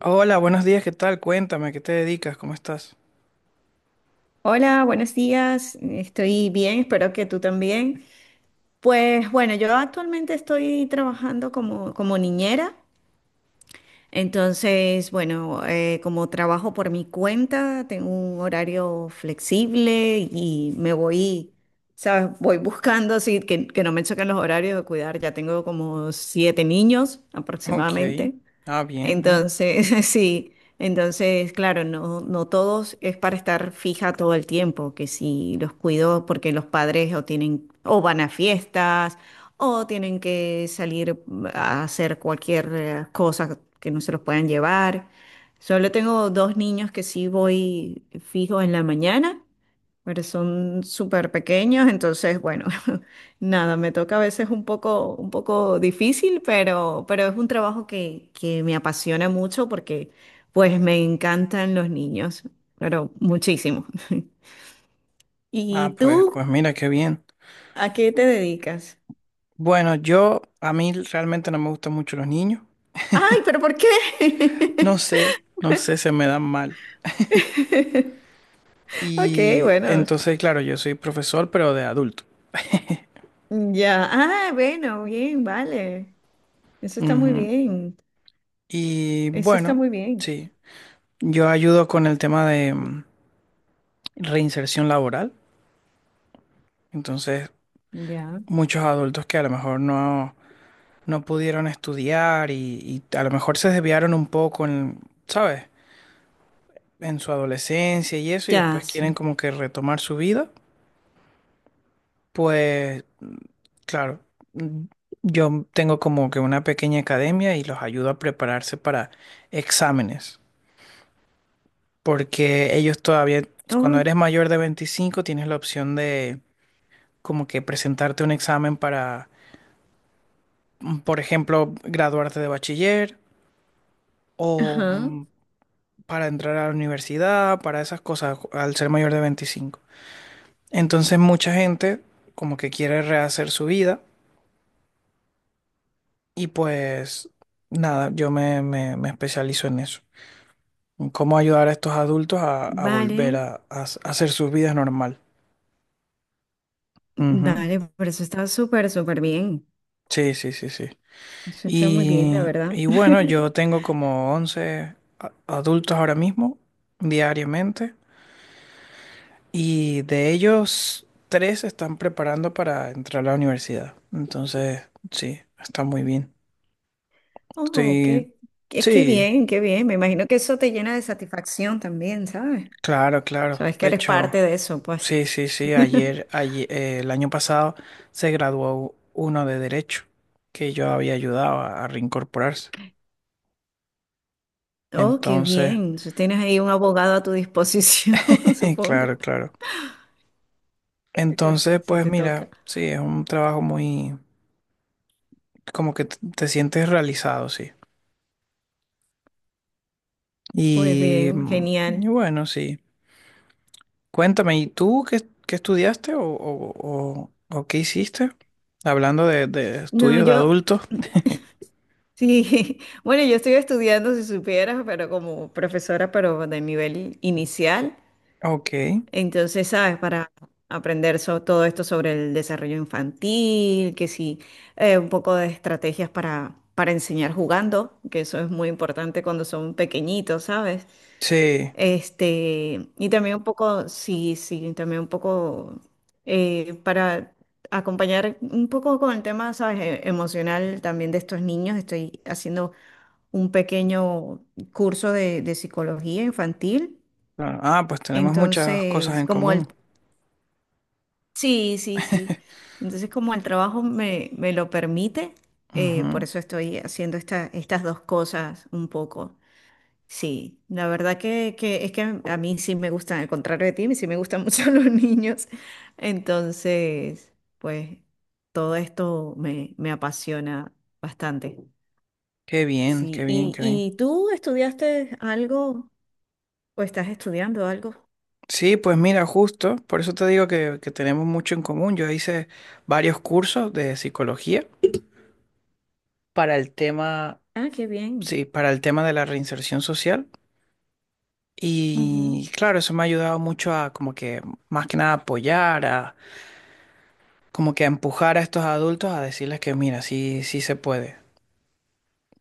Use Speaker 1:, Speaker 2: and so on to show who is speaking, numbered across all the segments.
Speaker 1: Hola, buenos días, ¿qué tal? Cuéntame, ¿qué te dedicas? ¿Cómo estás?
Speaker 2: Hola, buenos días. Estoy bien, espero que tú también. Pues bueno, yo actualmente estoy trabajando como, como niñera. Entonces, bueno, como trabajo por mi cuenta, tengo un horario flexible y me voy, ¿sabes? Voy buscando así que no me choquen los horarios de cuidar. Ya tengo como siete niños
Speaker 1: Ok.
Speaker 2: aproximadamente.
Speaker 1: Ah, bien, bien.
Speaker 2: Entonces, sí, entonces, claro, no, no todos es para estar fija todo el tiempo, que si los cuido porque los padres o tienen, o van a fiestas, o tienen que salir a hacer cualquier cosa que no se los puedan llevar. Solo tengo dos niños que sí voy fijo en la mañana, pero son súper pequeños, entonces, bueno, nada, me toca a veces un poco difícil, pero es un trabajo que me apasiona mucho porque pues me encantan los niños, pero muchísimo.
Speaker 1: Ah,
Speaker 2: ¿Y
Speaker 1: pues
Speaker 2: tú
Speaker 1: mira, qué bien.
Speaker 2: a qué te dedicas?
Speaker 1: Bueno, yo, a mí realmente no me gustan mucho los niños.
Speaker 2: Ay, pero ¿por qué?
Speaker 1: No sé, no sé, se me dan mal.
Speaker 2: Ok,
Speaker 1: Y
Speaker 2: bueno,
Speaker 1: entonces, claro, yo soy profesor, pero de adulto.
Speaker 2: ya. Ah, bueno, bien, vale. Eso está muy
Speaker 1: Ujú.
Speaker 2: bien.
Speaker 1: Y
Speaker 2: Eso está
Speaker 1: bueno,
Speaker 2: muy bien.
Speaker 1: sí, yo ayudo con el tema de reinserción laboral. Entonces,
Speaker 2: Ya.
Speaker 1: muchos adultos que a lo mejor no... no pudieron estudiar y a lo mejor se desviaron un poco en, ¿sabes? En su adolescencia y eso, y
Speaker 2: Ya,
Speaker 1: después quieren
Speaker 2: sí.
Speaker 1: como que retomar su vida, pues claro, mm, yo tengo como que una pequeña academia y los ayudo a prepararse para exámenes, porque ellos todavía, cuando
Speaker 2: Oh,
Speaker 1: eres mayor de 25 tienes la opción de como que presentarte un examen para, por ejemplo, graduarte de bachiller o
Speaker 2: ajá.
Speaker 1: para entrar a la universidad, para esas cosas, al ser mayor de 25. Entonces mucha gente como que quiere rehacer su vida y pues nada, yo me, me especializo en eso, en cómo ayudar a estos adultos a, volver
Speaker 2: Vale,
Speaker 1: a hacer sus vidas normal. Ujú.
Speaker 2: vale, pero eso está súper, súper bien.
Speaker 1: Sí, sí, sí, sí.
Speaker 2: Eso está muy bien, la
Speaker 1: Y,
Speaker 2: verdad.
Speaker 1: y bueno, yo tengo como 11 adultos ahora mismo, diariamente. Y de ellos, tres se están preparando para entrar a la universidad. Entonces, sí, está muy bien.
Speaker 2: Oh,
Speaker 1: Estoy,
Speaker 2: qué, qué, qué
Speaker 1: sí,
Speaker 2: bien, qué bien. Me imagino que eso te llena de satisfacción también, ¿sabes?
Speaker 1: claro, claro.
Speaker 2: Sabes que
Speaker 1: De
Speaker 2: eres parte
Speaker 1: hecho,
Speaker 2: de eso, pues.
Speaker 1: sí, sí, sí. El año pasado se graduó uno de Derecho que yo había ayudado a reincorporarse.
Speaker 2: Oh, qué bien.
Speaker 1: Entonces,
Speaker 2: Entonces, tienes ahí un abogado a tu disposición, supongo,
Speaker 1: claro, claro.
Speaker 2: si te,
Speaker 1: Entonces,
Speaker 2: si
Speaker 1: pues
Speaker 2: te
Speaker 1: mira,
Speaker 2: toca.
Speaker 1: sí, es un trabajo muy, como que te sientes realizado, sí.
Speaker 2: Pues
Speaker 1: Y,
Speaker 2: bien,
Speaker 1: mm, y
Speaker 2: genial.
Speaker 1: bueno, sí. Cuéntame, ¿y tú qué, qué estudiaste o qué hiciste? Hablando de
Speaker 2: No,
Speaker 1: estudios de
Speaker 2: yo,
Speaker 1: adultos.
Speaker 2: sí, bueno, yo estoy estudiando, si supieras, pero como profesora, pero de nivel inicial.
Speaker 1: Ok,
Speaker 2: Entonces, ¿sabes? Para aprender todo esto sobre el desarrollo infantil, que sí, un poco de estrategias para enseñar jugando, que eso es muy importante cuando son pequeñitos, ¿sabes?
Speaker 1: sí.
Speaker 2: Este, y también un poco, sí, sí, también un poco para acompañar un poco con el tema, ¿sabes? Emocional también de estos niños. Estoy haciendo un pequeño curso de psicología infantil.
Speaker 1: Bueno, ah, pues tenemos muchas cosas
Speaker 2: Entonces,
Speaker 1: en
Speaker 2: como el...
Speaker 1: común.
Speaker 2: Sí, sí, sí. Entonces, como el trabajo me, me lo permite, por
Speaker 1: Ujú.
Speaker 2: eso estoy haciendo estas dos cosas un poco. Sí, la verdad que es que a mí sí me gustan, al contrario de ti, sí me gustan mucho los niños. Entonces, pues todo esto me, me apasiona bastante.
Speaker 1: Qué bien, qué
Speaker 2: Sí,
Speaker 1: bien, qué bien.
Speaker 2: y tú estudiaste algo o estás estudiando algo?
Speaker 1: Sí, pues mira, justo, por eso te digo que tenemos mucho en común. Yo hice varios cursos de psicología para el tema,
Speaker 2: Ah, qué bien.
Speaker 1: sí, para el tema de la reinserción social. Y
Speaker 2: Ujú.
Speaker 1: claro, eso me ha ayudado mucho a como que más que nada apoyar, a como que a empujar a estos adultos a decirles que mira, sí, sí se puede.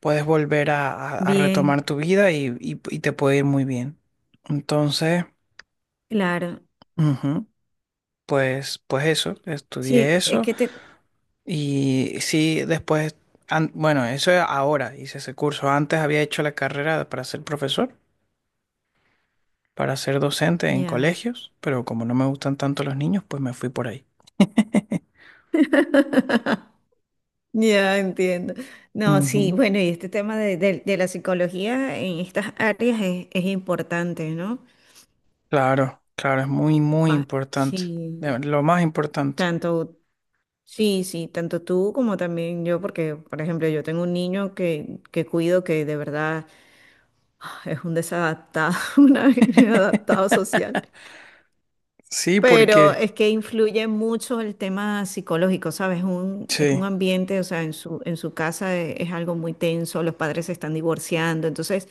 Speaker 1: Puedes volver a, a retomar
Speaker 2: Bien,
Speaker 1: tu vida y te puede ir muy bien. Entonces,
Speaker 2: claro.
Speaker 1: ujú, pues, pues eso, estudié
Speaker 2: Sí, es
Speaker 1: eso
Speaker 2: que te...
Speaker 1: y sí, después, bueno, eso ahora hice ese curso. Antes había hecho la carrera para ser profesor, para ser docente en
Speaker 2: Ya.
Speaker 1: colegios, pero como no me gustan tanto los niños, pues me fui por ahí.
Speaker 2: Ya entiendo. No, sí,
Speaker 1: Ujú.
Speaker 2: bueno, y este tema de, de la psicología en estas áreas es importante, ¿no?
Speaker 1: Claro, claro, es muy, muy importante,
Speaker 2: Sí,
Speaker 1: lo más importante.
Speaker 2: tanto, sí, sí, tanto tú como también yo, porque, por ejemplo, yo tengo un niño que cuido que de verdad es un desadaptado, un inadaptado social.
Speaker 1: Sí,
Speaker 2: Pero
Speaker 1: porque
Speaker 2: es que influye mucho el tema psicológico, ¿sabes? Un, es un
Speaker 1: sí,
Speaker 2: ambiente, o sea, en su casa es, algo muy tenso, los padres se están divorciando, entonces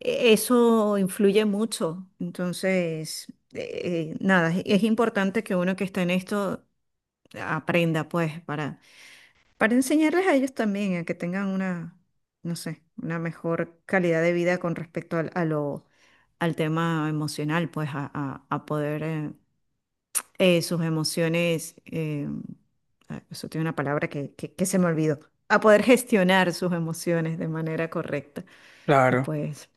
Speaker 2: eso influye mucho. Entonces, eh, nada, es importante que uno que está en esto aprenda, pues, para enseñarles a ellos también, a que tengan una, no sé, una mejor calidad de vida con respecto al, a lo, al tema emocional, pues, a, a poder... sus emociones, eso tiene una palabra que, que se me olvidó, a poder gestionar sus emociones de manera correcta. Y
Speaker 1: claro.
Speaker 2: pues,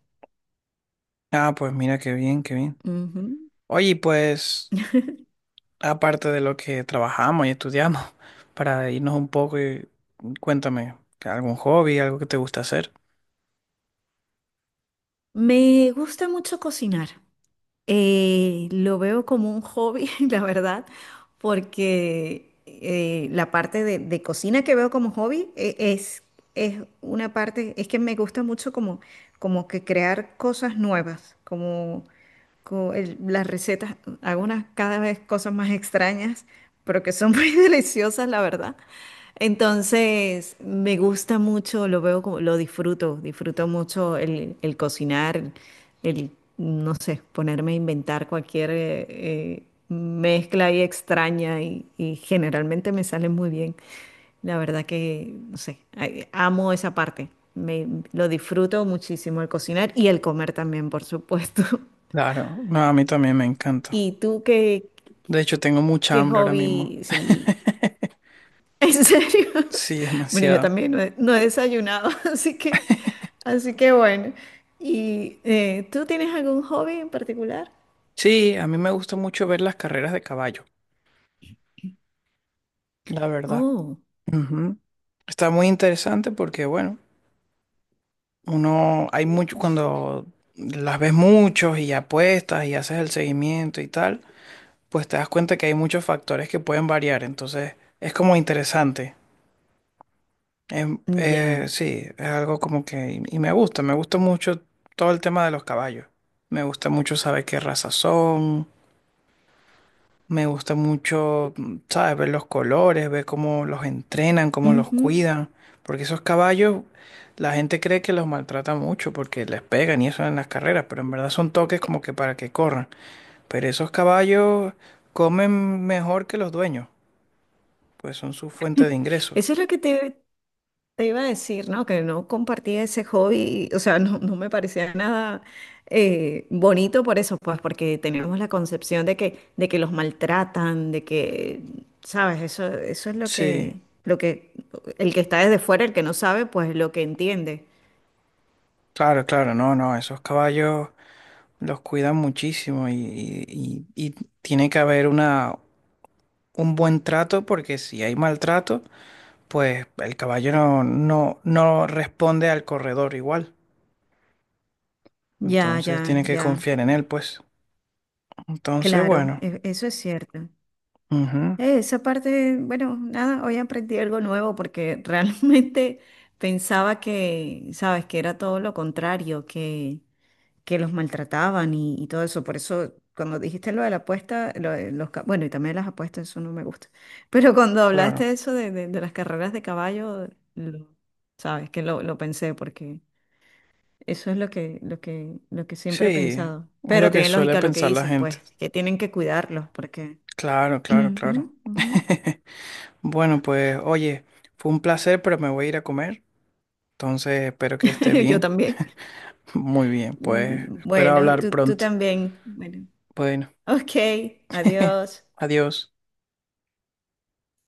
Speaker 1: Ah, pues mira qué bien, qué bien.
Speaker 2: ujú.
Speaker 1: Oye, y pues aparte de lo que trabajamos y estudiamos, para irnos un poco y cuéntame, ¿algún hobby, algo que te gusta hacer?
Speaker 2: Me gusta mucho cocinar. Lo veo como un hobby, la verdad, porque la parte de cocina que veo como hobby es... es una parte, es que me gusta mucho como, como que crear cosas nuevas, como, las recetas, hago unas cada vez cosas más extrañas, pero que son muy deliciosas, la verdad. Entonces, me gusta mucho, lo veo como, lo disfruto, disfruto mucho el cocinar, el, no sé, ponerme a inventar cualquier mezcla ahí extraña y generalmente me sale muy bien. La verdad que, no sé, ay, amo esa parte. Me, lo disfruto muchísimo el cocinar y el comer también, por supuesto.
Speaker 1: Claro, no, a mí también me encanta.
Speaker 2: ¿Y tú qué,
Speaker 1: De hecho, tengo mucha
Speaker 2: qué
Speaker 1: hambre ahora mismo.
Speaker 2: hobby? Sí, en serio.
Speaker 1: Sí,
Speaker 2: Bueno, yo
Speaker 1: demasiado.
Speaker 2: también no he, no he desayunado, así que bueno. ¿Y tú tienes algún hobby en particular?
Speaker 1: Sí, a mí me gusta mucho ver las carreras de caballo, la verdad.
Speaker 2: Oh,
Speaker 1: Ujú. Está muy interesante porque, bueno, uno, hay mucho, cuando las ves muchos y apuestas y haces el seguimiento y tal, pues te das cuenta que hay muchos factores que pueden variar. Entonces, es como interesante. Em,
Speaker 2: ya.
Speaker 1: eh, sí, es algo como que, y me gusta mucho todo el tema de los caballos. Me gusta mucho saber qué raza son. Me gusta mucho, ¿sabes? Ver los colores, ver cómo los entrenan, cómo los
Speaker 2: Ujú.
Speaker 1: cuidan. Porque esos caballos, la gente cree que los maltrata mucho porque les pegan y eso en las carreras, pero en verdad son toques como que para que corran. Pero esos caballos comen mejor que los dueños, pues son su fuente de ingresos.
Speaker 2: Eso es lo que te... Te iba a decir, ¿no? Que no compartía ese hobby, o sea, no, no me parecía nada bonito por eso, pues, porque teníamos la concepción de que los maltratan, de que, ¿sabes? Eso es
Speaker 1: Sí,
Speaker 2: lo que, el que está desde fuera, el que no sabe, pues lo que entiende.
Speaker 1: claro, claro, no, no, esos caballos los cuidan muchísimo y tiene que haber una, un buen trato porque si hay maltrato pues el caballo no, no, no responde al corredor igual.
Speaker 2: Ya,
Speaker 1: Entonces
Speaker 2: ya,
Speaker 1: tiene que
Speaker 2: ya,
Speaker 1: confiar en él, pues. Entonces,
Speaker 2: claro,
Speaker 1: bueno,
Speaker 2: eso es cierto.
Speaker 1: ujú,
Speaker 2: Esa parte, bueno, nada, hoy aprendí algo nuevo porque realmente pensaba que, ¿sabes? Que era todo lo contrario, que los maltrataban y todo eso. Por eso, cuando dijiste lo de la apuesta, lo de los, ca-, bueno, y también las apuestas, eso no me gusta. Pero cuando hablaste de
Speaker 1: claro.
Speaker 2: eso de, de las carreras de caballo, lo- sabes que lo pensé porque eso es lo que, lo que, lo que siempre he
Speaker 1: Sí,
Speaker 2: pensado.
Speaker 1: es lo
Speaker 2: Pero
Speaker 1: que
Speaker 2: tiene
Speaker 1: suele
Speaker 2: lógica lo que
Speaker 1: pensar la
Speaker 2: dices,
Speaker 1: gente.
Speaker 2: pues, que tienen que cuidarlos porque...
Speaker 1: Claro, claro, claro.
Speaker 2: Ujú, ujú.
Speaker 1: Bueno, pues oye, fue un placer, pero me voy a ir a comer. Entonces, espero que esté
Speaker 2: Yo
Speaker 1: bien.
Speaker 2: también.
Speaker 1: Muy bien, pues espero
Speaker 2: Bueno,
Speaker 1: hablar
Speaker 2: tú
Speaker 1: pronto.
Speaker 2: también. Bueno,
Speaker 1: Bueno,
Speaker 2: ok, adiós.
Speaker 1: adiós.